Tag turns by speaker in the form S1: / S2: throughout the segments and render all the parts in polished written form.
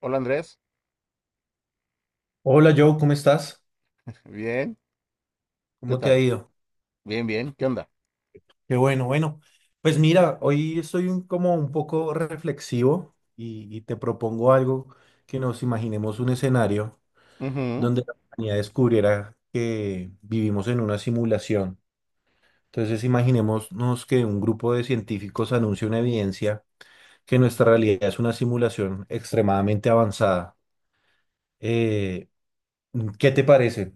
S1: Hola Andrés,
S2: Hola Joe, ¿cómo estás?
S1: bien, ¿qué
S2: ¿Cómo te
S1: tal?
S2: ha ido?
S1: Bien, bien, ¿qué onda?
S2: Qué bueno, bueno. Pues mira, hoy estoy como un poco reflexivo y te propongo algo que nos imaginemos un escenario
S1: Ujú.
S2: donde la humanidad descubriera que vivimos en una simulación. Entonces imaginémonos que un grupo de científicos anuncia una evidencia que nuestra realidad es una simulación extremadamente avanzada. Eh, ¿Qué te parece?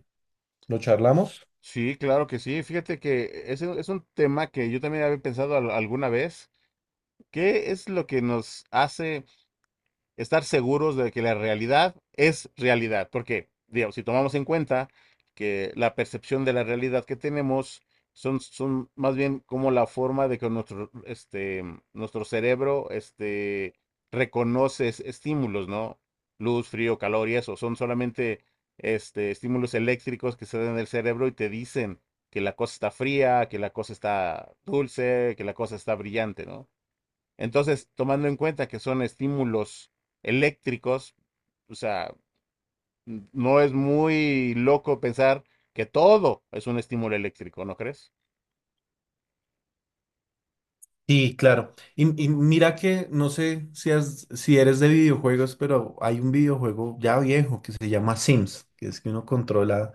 S2: ¿Lo charlamos?
S1: Sí, claro que sí. Fíjate que ese es un tema que yo también había pensado alguna vez. ¿Qué es lo que nos hace estar seguros de que la realidad es realidad? Porque, digamos, si tomamos en cuenta que la percepción de la realidad que tenemos son más bien como la forma de que nuestro, este, nuestro cerebro este, reconoce estímulos, ¿no? Luz, frío, calor y eso, son solamente este, estímulos eléctricos que se dan en el cerebro y te dicen que la cosa está fría, que la cosa está dulce, que la cosa está brillante, ¿no? Entonces, tomando en cuenta que son estímulos eléctricos, o sea, no es muy loco pensar que todo es un estímulo eléctrico, ¿no crees?
S2: Sí, claro. Y mira que no sé si eres de videojuegos, pero hay un videojuego ya viejo que se llama Sims, que es que uno controla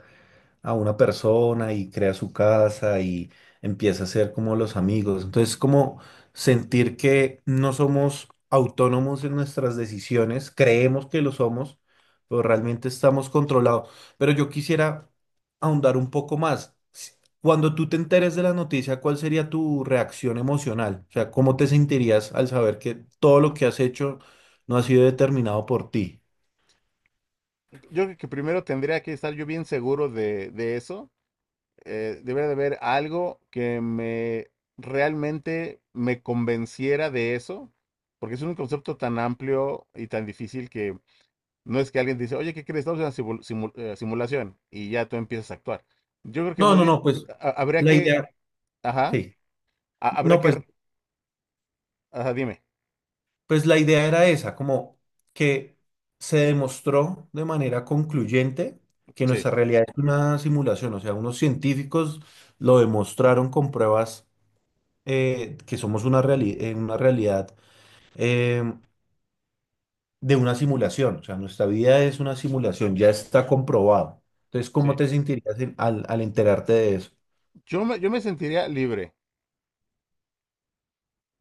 S2: a una persona y crea su casa y empieza a ser como los amigos. Entonces, como sentir que no somos autónomos en nuestras decisiones, creemos que lo somos, pero realmente estamos controlados. Pero yo quisiera ahondar un poco más. Cuando tú te enteres de la noticia, ¿cuál sería tu reacción emocional? O sea, ¿cómo te sentirías al saber que todo lo que has hecho no ha sido determinado por ti?
S1: Yo creo que primero tendría que estar yo bien seguro de eso. Debería de haber algo que me realmente me convenciera de eso, porque es un concepto tan amplio y tan difícil que no es que alguien te dice, oye, ¿qué crees? Estamos en una simulación y ya tú empiezas a actuar. Yo creo que
S2: No,
S1: más
S2: no,
S1: bien
S2: no, pues
S1: habría
S2: la
S1: que...
S2: idea,
S1: Ajá.
S2: sí.
S1: Habrá
S2: No,
S1: que...
S2: pues
S1: Ajá, dime.
S2: pues la idea era esa, como que se demostró de manera concluyente que nuestra
S1: Sí,
S2: realidad es una simulación, o sea, unos científicos lo demostraron con pruebas que somos una realidad eh, de una simulación, o sea, nuestra vida es una simulación, ya está comprobado. Entonces, ¿cómo
S1: sí.
S2: te sentirías al, al enterarte de eso?
S1: Yo me sentiría libre,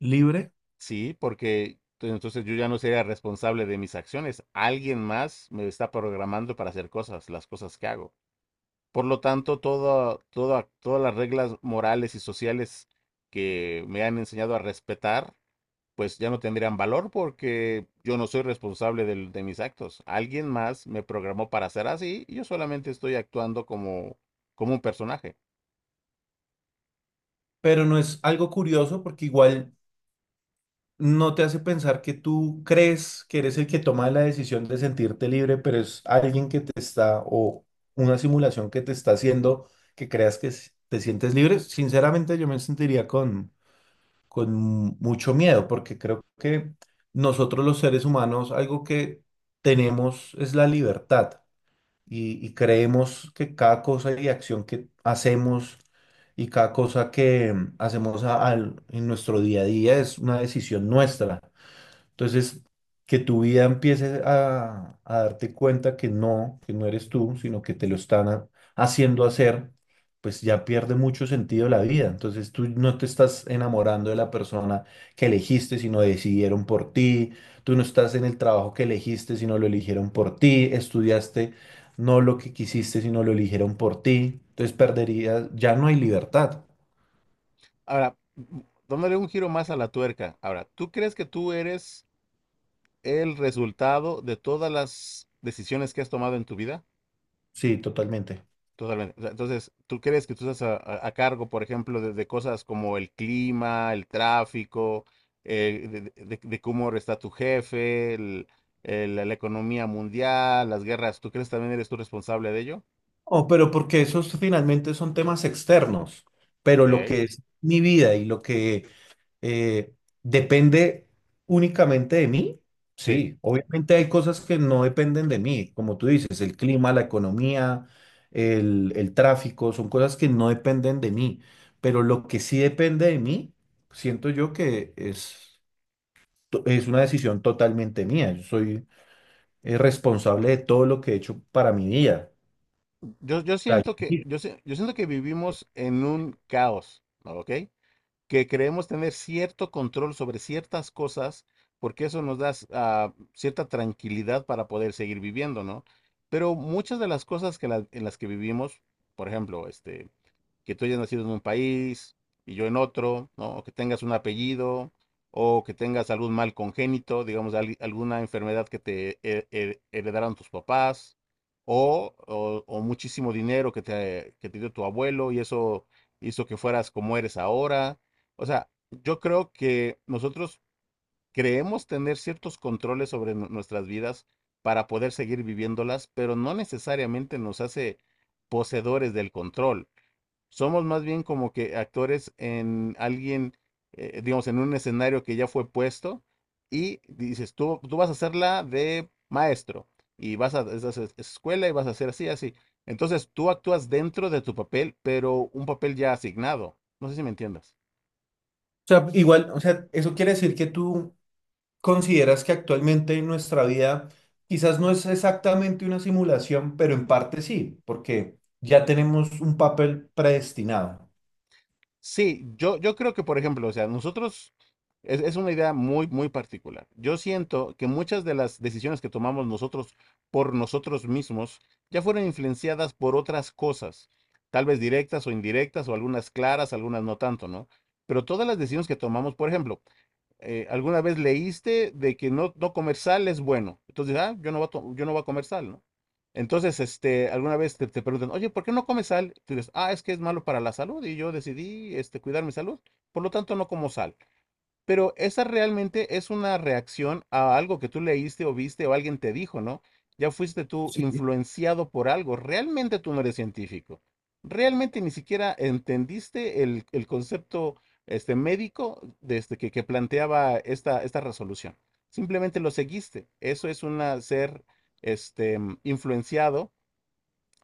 S2: Libre,
S1: sí, porque entonces yo ya no sería responsable de mis acciones. Alguien más me está programando para hacer cosas, las cosas que hago. Por lo tanto, todo, todas las reglas morales y sociales que me han enseñado a respetar, pues ya no tendrían valor, porque yo no soy responsable de mis actos. Alguien más me programó para ser así y yo solamente estoy actuando como, como un personaje.
S2: pero no es algo curioso porque igual no te hace pensar que tú crees que eres el que toma la decisión de sentirte libre, pero es alguien que te está, o una simulación que te está haciendo que creas que te sientes libre. Sinceramente, yo me sentiría con mucho miedo, porque creo que nosotros los seres humanos, algo que tenemos es la libertad y creemos que cada cosa y acción que hacemos y cada cosa que hacemos en nuestro día a día es una decisión nuestra. Entonces, que tu vida empiece a darte cuenta que no eres tú, sino que te lo están haciendo hacer, pues ya pierde mucho sentido la vida. Entonces, tú no te estás enamorando de la persona que elegiste, sino decidieron por ti. Tú no estás en el trabajo que elegiste, sino lo eligieron por ti. Estudiaste no lo que quisiste, sino lo eligieron por ti. Entonces, perderías, ya no hay libertad.
S1: Ahora, dándole un giro más a la tuerca. Ahora, ¿tú crees que tú eres el resultado de todas las decisiones que has tomado en tu vida?
S2: Sí, totalmente.
S1: Totalmente. O sea, entonces, ¿tú crees que tú estás a, a cargo, por ejemplo, de cosas como el clima, el tráfico, de, de cómo está tu jefe, la, la economía mundial, las guerras? ¿Tú crees que también eres tú responsable de ello?
S2: Oh, pero porque esos finalmente son temas externos,
S1: Ok,
S2: pero lo que es mi vida y lo que eh, depende únicamente de mí,
S1: sí.
S2: sí, obviamente hay cosas que no dependen de mí, como tú dices, el clima, la economía, el tráfico, son cosas que no dependen de mí, pero lo que sí depende de mí, siento yo que es, es una decisión totalmente mía, yo soy responsable de todo lo que he hecho para mi vida.
S1: Yo siento que, yo, yo siento que vivimos en un caos, ¿ok? Que creemos tener cierto control sobre ciertas cosas, porque eso nos da, ah, cierta tranquilidad para poder seguir viviendo, ¿no? Pero muchas de las cosas que en las que vivimos, por ejemplo, este, que tú hayas nacido en un país y yo en otro, ¿no? O que tengas un apellido, o que tengas algún mal congénito, digamos, alguna enfermedad que te heredaron tus papás, o o muchísimo dinero que te dio tu abuelo, y eso hizo que fueras como eres ahora. O sea, yo creo que nosotros creemos tener ciertos controles sobre nuestras vidas para poder seguir viviéndolas, pero no necesariamente nos hace poseedores del control. Somos más bien como que actores en alguien, digamos, en un escenario que ya fue puesto, y dices, tú vas a hacer la de maestro y vas a esa escuela y vas a hacer así, así. Entonces, tú actúas dentro de tu papel, pero un papel ya asignado. No sé si me entiendas.
S2: O sea, igual, o sea, eso quiere decir que tú consideras que actualmente en nuestra vida quizás no es exactamente una simulación, pero en parte sí, porque ya tenemos un papel predestinado.
S1: Sí, yo creo que, por ejemplo, o sea, nosotros es una idea muy, muy particular. Yo siento que muchas de las decisiones que tomamos nosotros por nosotros mismos ya fueron influenciadas por otras cosas, tal vez directas o indirectas, o algunas claras, algunas no tanto, ¿no? Pero todas las decisiones que tomamos, por ejemplo, alguna vez leíste de que no, no comer sal es bueno. Entonces, ah, yo no voy a, yo no voy a comer sal, ¿no? Entonces, este, alguna vez te, te preguntan, oye, ¿por qué no comes sal? Tú dices, ah, es que es malo para la salud, y yo decidí, este, cuidar mi salud, por lo tanto no como sal. Pero esa realmente es una reacción a algo que tú leíste o viste o alguien te dijo, ¿no? Ya fuiste tú
S2: Sí,
S1: influenciado por algo. Realmente tú no eres científico. Realmente ni siquiera entendiste el concepto este, médico desde que planteaba esta, esta resolución. Simplemente lo seguiste. Eso es una, ser este, influenciado,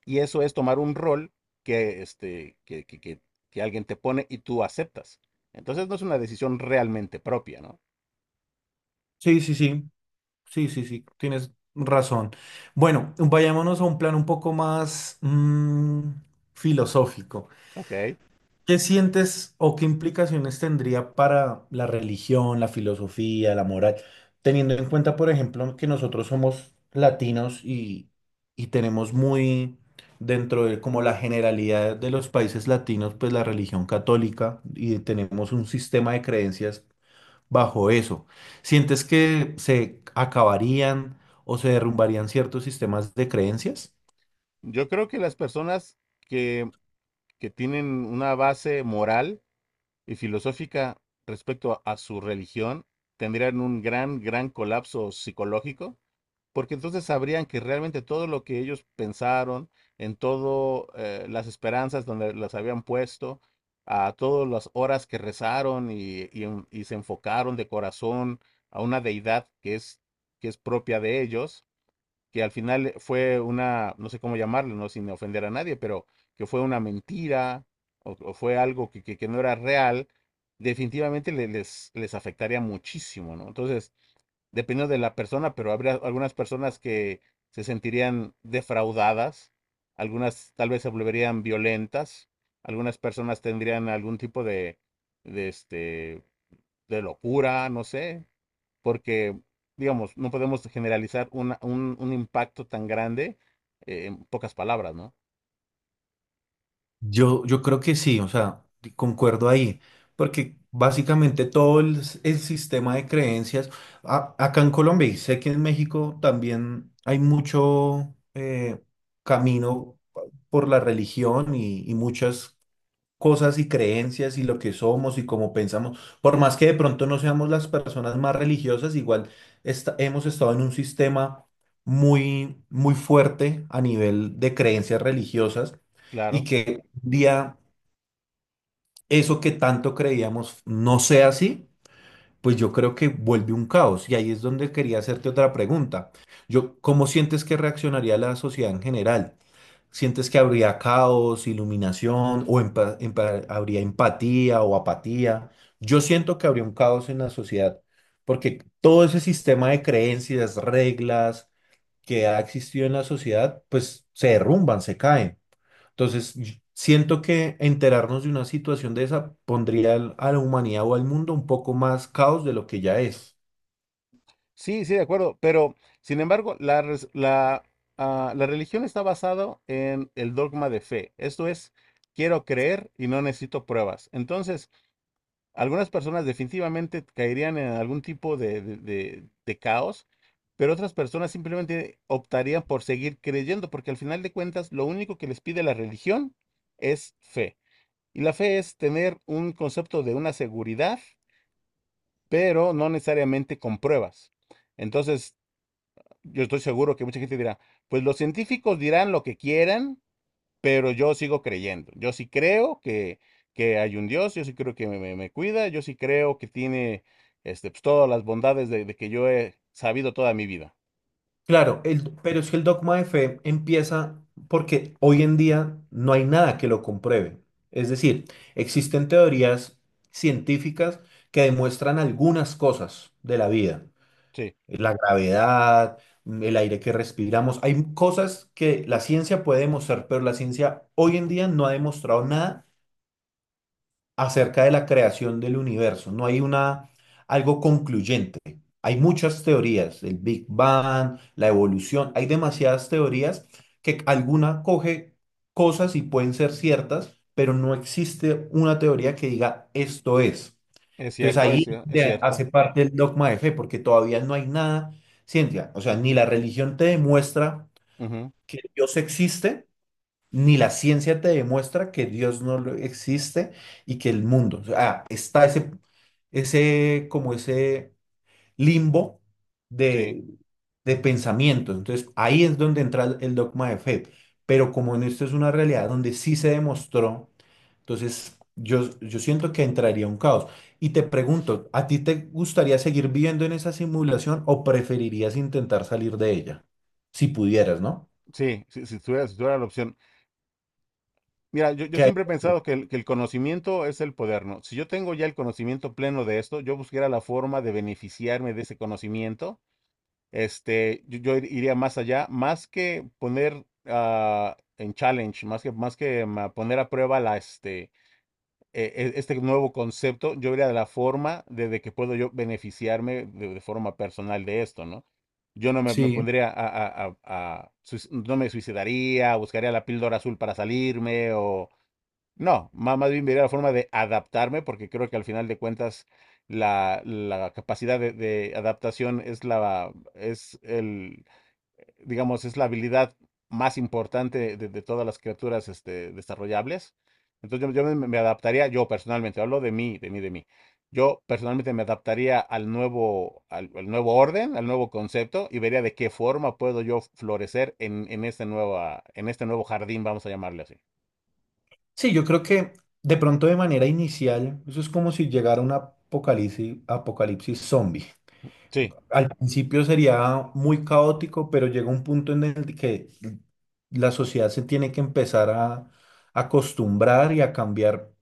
S1: y eso es tomar un rol que, este, que alguien te pone y tú aceptas. Entonces, no es una decisión realmente propia, ¿no?
S2: sí, sí, sí, sí, sí, sí, tienes razón. Bueno, vayámonos a un plan un poco más filosófico.
S1: Ok.
S2: ¿Qué sientes o qué implicaciones tendría para la religión, la filosofía, la moral, teniendo en cuenta, por ejemplo, que nosotros somos latinos y tenemos muy dentro de como la generalidad de los países latinos, pues la religión católica y tenemos un sistema de creencias bajo eso? ¿Sientes que se acabarían o se derrumbarían ciertos sistemas de creencias?
S1: Yo creo que las personas que, que tienen una base moral y filosófica respecto a su religión tendrían un gran, gran colapso psicológico, porque entonces sabrían que realmente todo lo que ellos pensaron, en todo, las esperanzas donde las habían puesto, a todas las horas que rezaron, y y se enfocaron de corazón a una deidad que es propia de ellos, que al final fue una, no sé cómo llamarlo, no, sin ofender a nadie, pero que fue una mentira, o fue algo que, que no era real, definitivamente les, les afectaría muchísimo, ¿no? Entonces, dependiendo de la persona, pero habría algunas personas que se sentirían defraudadas, algunas tal vez se volverían violentas, algunas personas tendrían algún tipo de este, de locura, no sé, porque, digamos, no podemos generalizar un impacto tan grande, en pocas palabras, ¿no?
S2: Yo creo que sí, o sea, concuerdo ahí, porque básicamente todo el sistema de creencias, acá en Colombia y sé que en México también hay mucho camino por la religión y muchas cosas y creencias y lo que somos y cómo pensamos. Por más que de pronto no seamos las personas más religiosas, igual hemos estado en un sistema muy, muy fuerte a nivel de creencias religiosas y
S1: Claro.
S2: que un día eso que tanto creíamos no sea así, pues yo creo que vuelve un caos. Y ahí es donde quería hacerte otra pregunta. Yo, ¿cómo sientes que reaccionaría la sociedad en general? ¿Sientes que habría caos, iluminación o habría empatía o apatía? Yo siento que habría un caos en la sociedad, porque todo ese sistema de creencias, reglas que ha existido en la sociedad, pues se derrumban, se caen. Entonces, siento que enterarnos de una situación de esa pondría a la humanidad o al mundo un poco más caos de lo que ya es.
S1: Sí, sí, de acuerdo, pero sin embargo, la, la, ah, la religión está basada en el dogma de fe. Esto es, quiero creer y no necesito pruebas. Entonces, algunas personas definitivamente caerían en algún tipo de, de caos, pero otras personas simplemente optarían por seguir creyendo, porque al final de cuentas, lo único que les pide la religión es fe. Y la fe es tener un concepto de una seguridad, pero no necesariamente con pruebas. Entonces, yo estoy seguro que mucha gente dirá, pues los científicos dirán lo que quieran, pero yo sigo creyendo. Yo sí creo que hay un Dios, yo sí creo que me, me cuida, yo sí creo que tiene este, pues, todas las bondades de que yo he sabido toda mi vida.
S2: Claro, pero es que el dogma de fe empieza porque hoy en día no hay nada que lo compruebe. Es decir, existen teorías científicas que demuestran algunas cosas de la vida,
S1: Sí.
S2: la gravedad, el aire que respiramos. Hay cosas que la ciencia puede demostrar, pero la ciencia hoy en día no ha demostrado nada acerca de la creación del universo. No hay una, algo concluyente. Hay muchas teorías, el Big Bang, la evolución, hay demasiadas teorías que alguna coge cosas y pueden ser ciertas, pero no existe una teoría que diga esto es.
S1: Es
S2: Entonces
S1: cierto, es,
S2: ahí es
S1: es
S2: donde
S1: cierto.
S2: hace parte el dogma de fe, porque todavía no hay nada, ciencia, o sea, ni la religión te demuestra
S1: Ujú,
S2: que Dios existe, ni la ciencia te demuestra que Dios no lo- existe y que el mundo, o sea, está ese, ese, como ese limbo
S1: sí,
S2: de, de pensamiento. Entonces, ahí es donde entra el dogma de fe. Pero como en esto es una realidad donde sí se demostró, entonces yo siento que entraría un caos. Y te pregunto, ¿a ti te gustaría seguir viviendo en esa simulación o preferirías intentar salir de ella? Si pudieras, ¿no?
S1: sí, si, si tuviera, si tuviera la opción. Mira, yo
S2: ¿Qué harías
S1: siempre he
S2: tú?
S1: pensado que el conocimiento es el poder, ¿no? Si yo tengo ya el conocimiento pleno de esto, yo buscaría la forma de beneficiarme de ese conocimiento. Este, yo iría más allá, más que poner, ah, en challenge, más que, más que, a poner a prueba la, este, este nuevo concepto, yo iría de la forma de que puedo yo beneficiarme de forma personal de esto, ¿no? Yo no me, Me
S2: Sí,
S1: pondría a- no me suicidaría, buscaría la píldora azul para salirme, o no, más bien vería la forma de adaptarme, porque creo que al final de cuentas la, la capacidad de adaptación es la, es el, digamos, es la habilidad más importante de todas las criaturas este, desarrollables. Entonces yo me, me adaptaría, yo personalmente, hablo de mí, de mí, de mí. Yo personalmente me adaptaría al nuevo, al, al nuevo orden, al nuevo concepto, y vería de qué forma puedo yo florecer en esta nueva, en este nuevo jardín, vamos a llamarle así.
S2: sí, yo creo que de pronto de manera inicial, eso es como si llegara un apocalipsis, apocalipsis zombie.
S1: Sí,
S2: Al principio sería muy caótico, pero llega un punto en el que la sociedad se tiene que empezar a acostumbrar y a cambiar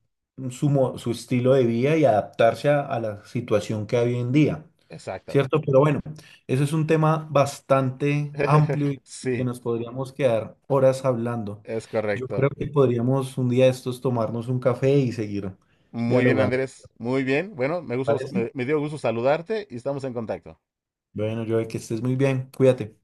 S2: su, su estilo de vida y adaptarse a la situación que hay hoy en día.
S1: exacto.
S2: ¿Cierto? Pero bueno, eso es un tema bastante amplio y que
S1: Sí,
S2: nos podríamos quedar horas hablando.
S1: es
S2: Yo
S1: correcto.
S2: creo que podríamos un día de estos tomarnos un café y seguir
S1: Muy bien,
S2: dialogando, ¿te
S1: Andrés. Muy bien. Bueno, me gustó,
S2: parece?
S1: me dio gusto saludarte y estamos en contacto.
S2: Bueno, yo que estés muy bien, cuídate.